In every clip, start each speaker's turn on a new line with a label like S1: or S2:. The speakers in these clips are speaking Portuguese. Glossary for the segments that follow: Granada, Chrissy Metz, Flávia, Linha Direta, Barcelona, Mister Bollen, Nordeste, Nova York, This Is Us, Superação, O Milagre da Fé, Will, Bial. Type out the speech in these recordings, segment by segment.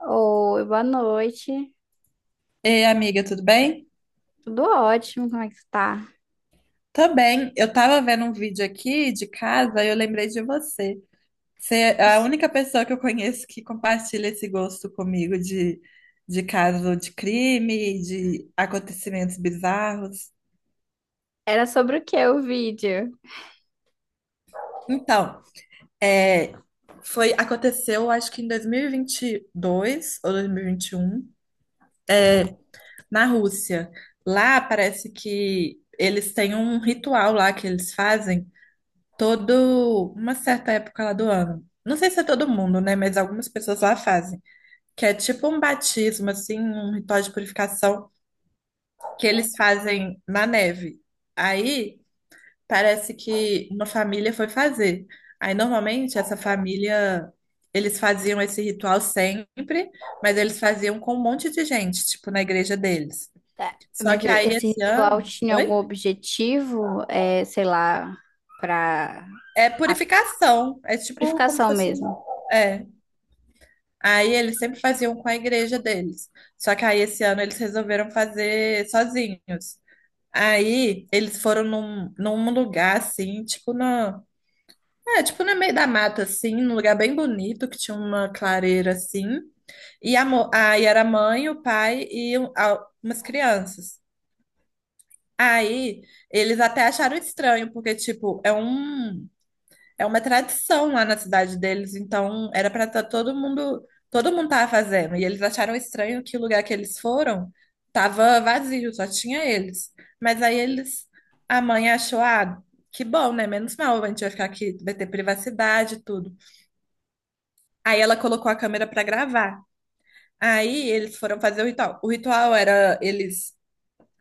S1: Oi, boa noite.
S2: Ei, amiga, tudo bem?
S1: Tudo ótimo, como é que você tá?
S2: Tô bem. Eu tava vendo um vídeo aqui de casa e eu lembrei de você. Você é a única pessoa que eu conheço que compartilha esse gosto comigo de caso de crime, de acontecimentos bizarros.
S1: Era sobre o que o vídeo?
S2: Então, é, aconteceu, acho que em 2022 ou 2021, na Rússia. Lá parece que eles têm um ritual lá que eles fazem todo uma certa época lá do ano. Não sei se é todo mundo, né? Mas algumas pessoas lá fazem. Que é tipo um batismo, assim, um ritual de purificação que eles fazem na neve. Aí parece que uma família foi fazer. Aí normalmente essa família, eles faziam esse ritual sempre, mas eles faziam com um monte de gente, tipo na igreja deles.
S1: Tá.
S2: Só
S1: Mas
S2: que aí
S1: esse
S2: esse
S1: ritual
S2: ano,
S1: tinha algum
S2: oi?
S1: objetivo, é, sei lá, para
S2: É
S1: a
S2: purificação, é tipo como se
S1: purificação
S2: fosse um,
S1: mesmo?
S2: é, aí eles sempre faziam com a igreja deles. Só que aí esse ano eles resolveram fazer sozinhos. Aí eles foram num lugar assim, tipo no meio da mata assim, num lugar bem bonito que tinha uma clareira assim. Aí era a mãe, o pai e umas crianças. Aí eles até acharam estranho, porque tipo, é uma tradição lá na cidade deles, então era para estar todo mundo tava fazendo. E eles acharam estranho que o lugar que eles foram tava vazio, só tinha eles. Mas aí eles, a mãe achou, ah, que bom, né? Menos mal, a gente vai ficar aqui, vai ter privacidade e tudo. Aí ela colocou a câmera para gravar. Aí eles foram fazer o ritual. O ritual era eles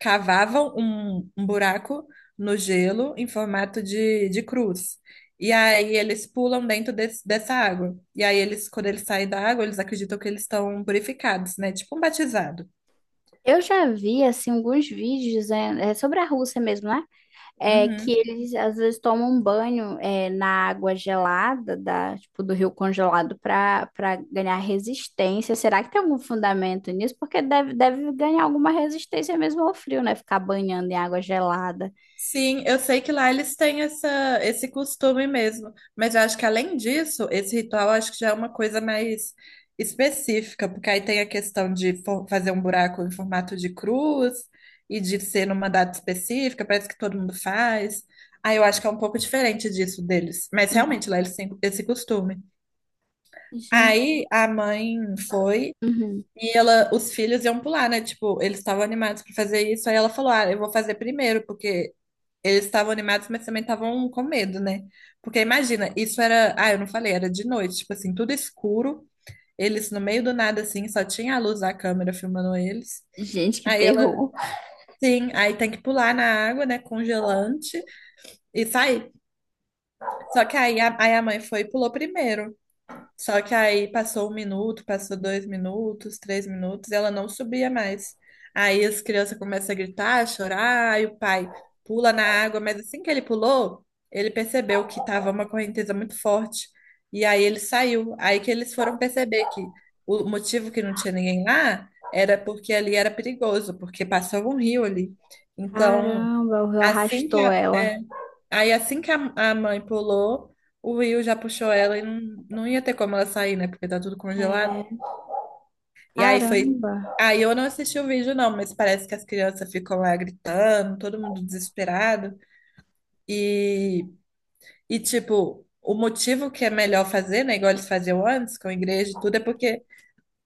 S2: cavavam um buraco no gelo em formato de cruz. E aí eles pulam dentro dessa água. E aí quando eles saem da água, eles acreditam que eles estão purificados, né? Tipo um batizado.
S1: Eu já vi assim alguns vídeos, é, sobre a Rússia mesmo, né? É que
S2: Uhum.
S1: eles às vezes tomam um banho, é, na água gelada, da, tipo, do rio congelado, para ganhar resistência. Será que tem algum fundamento nisso? Porque deve, deve ganhar alguma resistência mesmo ao frio, né? Ficar banhando em água gelada.
S2: Sim, eu sei que lá eles têm esse costume mesmo, mas eu acho que além disso, esse ritual acho que já é uma coisa mais específica, porque aí tem a questão fazer um buraco em formato de cruz e de ser numa data específica, parece que todo mundo faz. Aí eu acho que é um pouco diferente disso deles, mas realmente lá eles têm esse costume.
S1: Gente,
S2: Aí a mãe foi
S1: uhum.
S2: os filhos iam pular, né? Tipo, eles estavam animados para fazer isso, aí ela falou: "Ah, eu vou fazer primeiro, porque eles estavam animados, mas também estavam com medo, né? Porque imagina, isso era. Ah, eu não falei, era de noite, tipo assim, tudo escuro. Eles no meio do nada, assim, só tinha a luz da câmera filmando eles.
S1: Gente, que
S2: Aí
S1: terror.
S2: sim, aí tem que pular na água, né? Congelante e sair. Só que aí a mãe foi e pulou primeiro. Só que aí passou um minuto, passou dois minutos, três minutos, ela não subia mais. Aí as crianças começam a gritar, a chorar, aí o pai pula na água, mas assim que ele pulou, ele percebeu que estava uma correnteza muito forte. E aí ele saiu. Aí que eles foram perceber que o motivo que não tinha ninguém lá era porque ali era perigoso, porque passava um rio ali. Então,
S1: Caramba, o rio
S2: assim que
S1: arrastou
S2: a-
S1: ela.
S2: é, Aí assim que a mãe pulou, o Will já puxou ela e não, não ia ter como ela sair, né? Porque tá tudo congelado.
S1: É,
S2: E aí foi.
S1: caramba.
S2: Aí eu não assisti o vídeo, não, mas parece que as crianças ficam lá gritando, todo mundo desesperado. E, e tipo, o motivo que é melhor fazer, né? Igual eles faziam antes com a igreja e tudo, é porque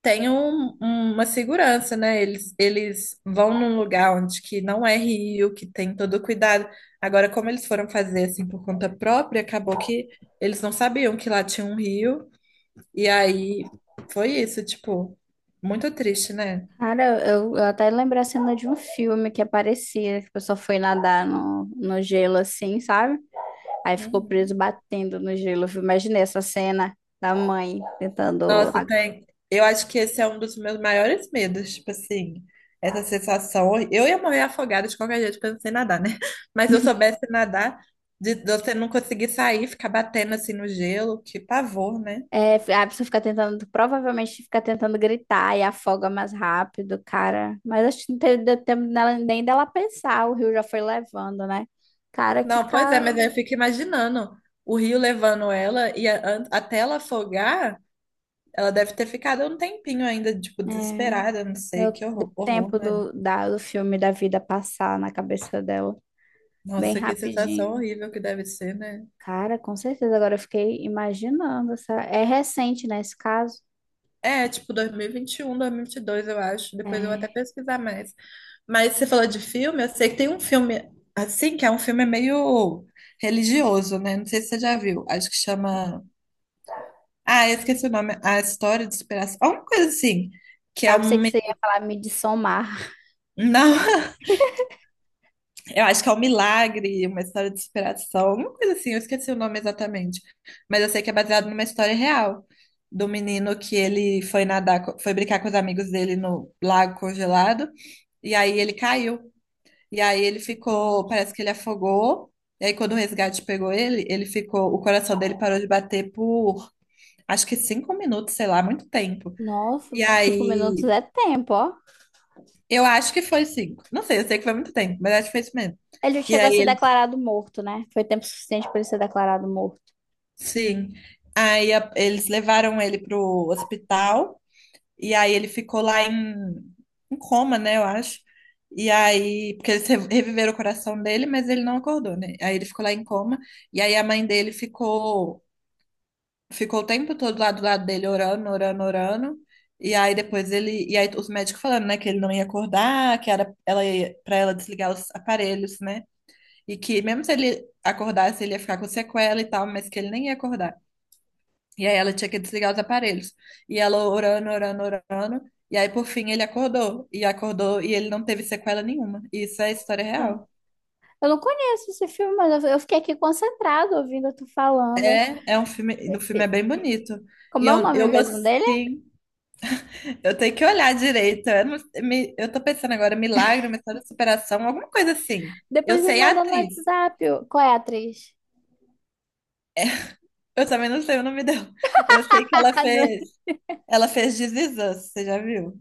S2: tem uma segurança, né? Eles vão num lugar onde que não é rio, que tem todo o cuidado. Agora, como eles foram fazer assim por conta própria, acabou que eles não sabiam que lá tinha um rio, e aí foi isso, tipo, muito triste, né?
S1: Cara, eu até lembrei a cena de um filme que aparecia, que a pessoa foi nadar no, no gelo assim, sabe? Aí ficou preso batendo no gelo, viu? Imaginei essa cena da mãe tentando.
S2: Nossa, tem. Eu acho que esse é um dos meus maiores medos, tipo assim, essa sensação. Eu ia morrer afogada de qualquer jeito, porque eu não sei nadar, né? Mas se eu soubesse nadar, de você não conseguir sair, ficar batendo assim no gelo, que pavor, né?
S1: É, a pessoa fica tentando, provavelmente fica tentando gritar e afoga mais rápido, cara. Mas acho que não teve, deu tempo nem dela pensar, o rio já foi levando, né? Cara, que
S2: Não, pois é,
S1: cara.
S2: mas aí eu fico imaginando o rio levando ela e até ela afogar, ela deve ter ficado um tempinho ainda, tipo,
S1: É,
S2: desesperada, não
S1: deu,
S2: sei, que
S1: deu
S2: horror, horror,
S1: tempo
S2: né?
S1: do, da, do filme da vida passar na cabeça dela, bem
S2: Nossa, que sensação
S1: rapidinho.
S2: horrível que deve ser, né?
S1: Cara, com certeza. Agora eu fiquei imaginando. Essa... É recente, né, esse caso?
S2: É, tipo 2021, 2022, eu acho. Depois eu vou até
S1: É.
S2: pesquisar mais. Mas você falou de filme, eu sei que tem um filme assim, que é um filme meio religioso, né? Não sei se você já viu. Acho que chama. Ah, eu esqueci o nome. A História de Superação. Alguma coisa assim. Que é
S1: Ah, pensei
S2: um.
S1: que
S2: Me-
S1: você ia falar me de somar.
S2: Não. Eu acho que é um milagre, uma história de superação, alguma coisa assim, eu esqueci o nome exatamente. Mas eu sei que é baseado numa história real do menino que ele foi nadar, foi brincar com os amigos dele no lago congelado, e aí ele caiu. E aí ele ficou,
S1: Nossa.
S2: parece que ele afogou. E aí quando o resgate pegou ele, ele ficou, o coração dele parou de bater por acho que cinco minutos, sei lá, muito tempo.
S1: Nossa,
S2: E
S1: 5 minutos
S2: aí,
S1: é tempo, ó.
S2: eu acho que foi cinco. Não sei, eu sei que foi muito tempo, mas acho que foi isso mesmo.
S1: Ele
S2: E
S1: chegou a
S2: aí
S1: ser
S2: ele
S1: declarado morto, né? Foi tempo suficiente para ele ser declarado morto.
S2: Sim. Aí eles levaram ele pro hospital e aí ele ficou lá em coma, né, eu acho. E aí, porque eles reviveram o coração dele, mas ele não acordou, né? Aí ele ficou lá em coma e aí a mãe dele ficou o tempo todo lá do lado dele orando, orando, orando. E aí depois ele e aí os médicos falando, né, que ele não ia acordar, que era ela para ela desligar os aparelhos, né? E que mesmo se ele acordasse, ele ia ficar com sequela e tal, mas que ele nem ia acordar. E aí ela tinha que desligar os aparelhos. E ela orando, orando, orando. E aí, por fim, ele acordou. E acordou e ele não teve sequela nenhuma. E isso é história
S1: Ah.
S2: real.
S1: Eu não conheço esse filme, mas eu fiquei aqui concentrado ouvindo tu falando.
S2: É um filme. No filme é
S1: E-
S2: bem bonito. E
S1: Como é o
S2: eu,
S1: nome
S2: eu
S1: mesmo dele?
S2: gostei. Eu tenho que olhar direito. Eu, não- me- eu tô pensando agora, milagre, uma história de superação, alguma coisa assim. Eu
S1: Depois me
S2: sei a
S1: manda no
S2: atriz.
S1: WhatsApp, ô. Qual é a atriz?
S2: Eu também não sei o nome dela. Eu sei que ela
S1: Ah, não é
S2: fez. Ela fez This Is Us, você já viu?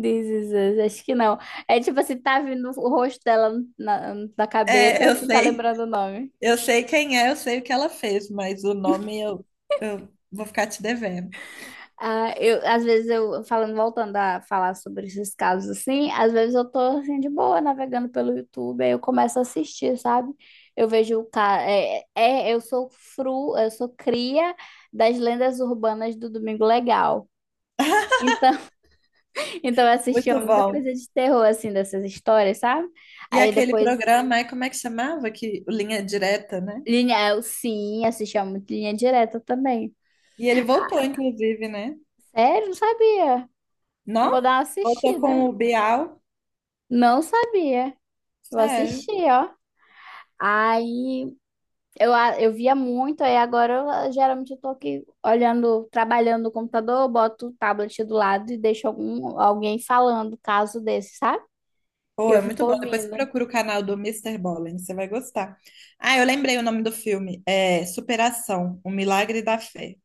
S1: This Is Us, acho que não. É tipo assim, tá vindo o rosto dela na, na cabeça,
S2: É, eu
S1: mas não tá
S2: sei.
S1: lembrando o nome.
S2: Eu sei quem é, eu sei o que ela fez, mas o nome eu vou ficar te devendo.
S1: Ah, eu, às vezes eu, falando, voltando a falar sobre esses casos assim, às vezes eu tô assim de boa navegando pelo YouTube, aí eu começo a assistir, sabe? Eu vejo o cara, é, é, eu sou fru, eu sou cria das lendas urbanas do Domingo Legal. Então, então eu assistia
S2: Muito
S1: muita
S2: bom.
S1: coisa de terror assim, dessas histórias, sabe?
S2: E
S1: Aí
S2: aquele
S1: depois
S2: programa, é como é que chamava? Que, Linha Direta, né?
S1: linha, eu sim, assistia muito Linha Direta também.
S2: E ele voltou, inclusive, né?
S1: Sério, não sabia. Eu vou
S2: Não?
S1: dar uma
S2: Voltou
S1: assistida.
S2: com o Bial.
S1: Não sabia. Vou
S2: Sério.
S1: assistir, ó. Aí eu, eu via muito, aí agora eu, geralmente eu tô aqui olhando, trabalhando no computador, boto o tablet do lado e deixo algum, alguém falando caso desse, sabe? E
S2: Pô,
S1: eu
S2: é muito
S1: fico
S2: bom. Depois você
S1: ouvindo.
S2: procura o canal do Mister Bollen, você vai gostar. Ah, eu lembrei o nome do filme. É Superação, O Milagre da Fé.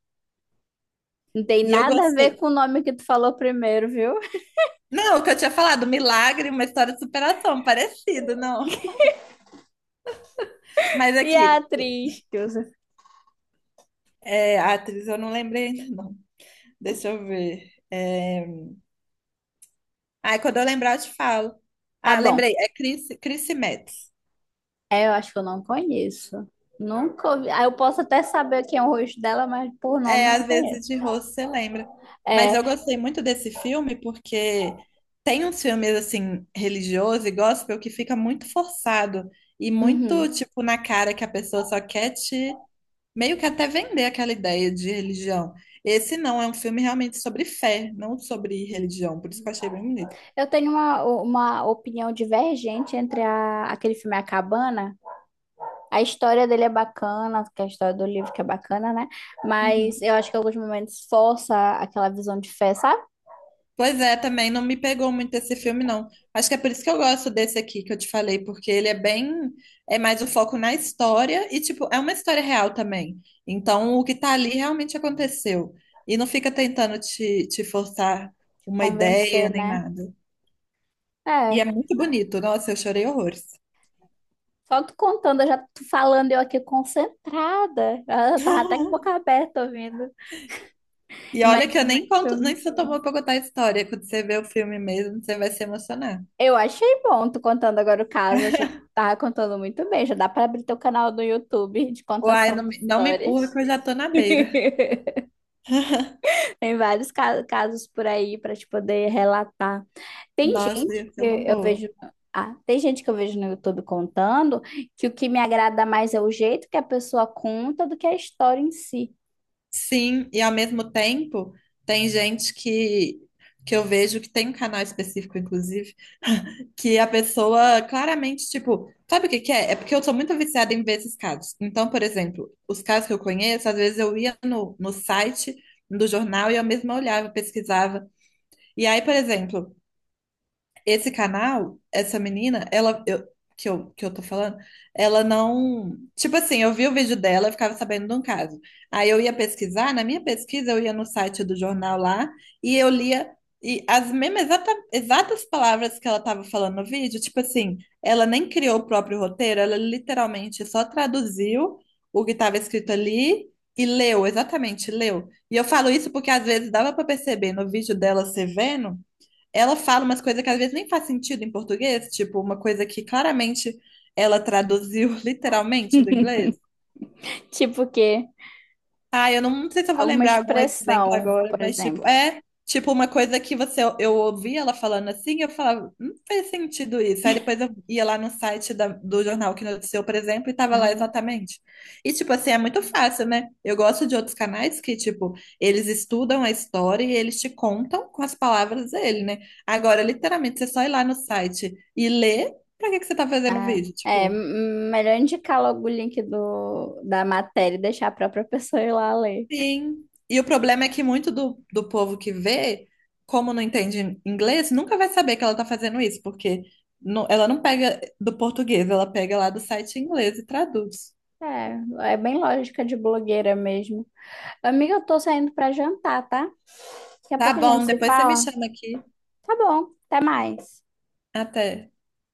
S1: Não tem
S2: E eu
S1: nada a ver
S2: gostei.
S1: com o nome que tu falou primeiro, viu?
S2: Não, o que eu tinha falado, milagre, uma história de superação, parecido, não. Mas
S1: E a
S2: aqui,
S1: atriz que usa.
S2: é, a atriz eu não lembrei ainda, não. Deixa eu ver. É... Ah, quando eu lembrar, eu te falo.
S1: Tá
S2: Ah,
S1: bom.
S2: lembrei. É Chrissy Metz.
S1: É, eu acho que eu não conheço. Nunca ouvi. Ah, eu posso até saber quem é o rosto dela, mas por nome
S2: É,
S1: eu não
S2: às
S1: conheço.
S2: vezes de rosto você lembra. Mas
S1: É,
S2: eu gostei muito desse filme porque tem uns filmes, assim, religiosos e gospel que fica muito forçado e muito,
S1: uhum.
S2: tipo, na cara que a pessoa só quer te... Meio que até vender aquela ideia de religião. Esse não, é um filme realmente sobre fé, não sobre religião. Por isso que eu achei bem bonito.
S1: Eu tenho uma opinião divergente entre a, aquele filme A Cabana. A história dele é bacana, que é a história do livro que é bacana, né? Mas
S2: Uhum.
S1: eu acho que em alguns momentos força aquela visão de fé, sabe?
S2: Pois é, também não me pegou muito esse filme, não. Acho que é por isso que eu gosto desse aqui que eu te falei, porque ele é bem, é mais o foco na história e, tipo, é uma história real também. Então, o que tá ali realmente aconteceu. E não fica tentando te forçar uma ideia
S1: Convencer,
S2: nem
S1: né?
S2: nada. E é
S1: É.
S2: muito bonito. Nossa, eu chorei horrores.
S1: Só tu contando, eu já tô falando, eu aqui concentrada. Eu tava até com a boca aberta ouvindo.
S2: E olha que eu nem
S1: Imagine
S2: conto,
S1: filme,
S2: nem sou
S1: sim.
S2: tomou pra contar a história. Quando você vê o filme mesmo, você vai se emocionar.
S1: Eu achei bom tu contando agora o caso. Achei que tu tava contando muito bem. Já dá pra abrir teu canal do YouTube de
S2: Uai,
S1: contação
S2: não,
S1: de
S2: não me empurra
S1: histórias.
S2: que eu já tô na beira.
S1: Tem vários casos por aí para te poder relatar. Tem
S2: Nossa,
S1: gente
S2: ia ser
S1: que
S2: uma
S1: eu
S2: boa.
S1: vejo, ah, tem gente que eu vejo no YouTube contando que o que me agrada mais é o jeito que a pessoa conta do que a história em si.
S2: Sim, e ao mesmo tempo, tem gente que eu vejo que tem um canal específico, inclusive, que a pessoa claramente, tipo, sabe o que que é? É porque eu sou muito viciada em ver esses casos. Então, por exemplo, os casos que eu conheço, às vezes eu ia no site do jornal e eu mesma olhava, pesquisava. E aí, por exemplo, esse canal, essa menina, ela eu- que eu, que eu tô falando, ela não. Tipo assim, eu vi o vídeo dela, eu ficava sabendo de um caso. Aí eu ia pesquisar, na minha pesquisa, eu ia no site do jornal lá e eu lia e as mesmas exatas palavras que ela tava falando no vídeo, tipo assim, ela nem criou o próprio roteiro, ela literalmente só traduziu o que estava escrito ali e leu, exatamente, leu. E eu falo isso porque às vezes dava para perceber no vídeo dela, você vendo ela fala umas coisas que às vezes nem faz sentido em português, tipo, uma coisa que claramente ela traduziu literalmente do inglês.
S1: Tipo que
S2: Ah, eu não sei se eu vou
S1: alguma
S2: lembrar algum exemplo
S1: expressão,
S2: agora,
S1: por
S2: mas tipo,
S1: exemplo.
S2: é tipo uma coisa que você eu ouvia ela falando assim, eu falava, não fez sentido isso. Aí depois eu ia lá no site do jornal que noticiou, por exemplo, e tava lá
S1: Ah,
S2: exatamente. E tipo assim, é muito fácil, né? Eu gosto de outros canais que, tipo, eles estudam a história e eles te contam com as palavras dele, né? Agora, literalmente, você só ir lá no site e ler, pra que que você tá fazendo o vídeo?
S1: é
S2: Tipo.
S1: melhor indicar logo o link do, da matéria e deixar a própria pessoa ir lá ler.
S2: Sim. E o problema é que muito do povo que vê, como não entende inglês, nunca vai saber que ela tá fazendo isso, porque ela não pega do português, ela pega lá do site em inglês e traduz.
S1: É, é bem lógica de blogueira mesmo. Amiga, eu tô saindo para jantar, tá? Daqui a
S2: Tá
S1: pouco a gente
S2: bom,
S1: se
S2: depois você me
S1: fala.
S2: chama aqui.
S1: Tá bom, até mais.
S2: Até.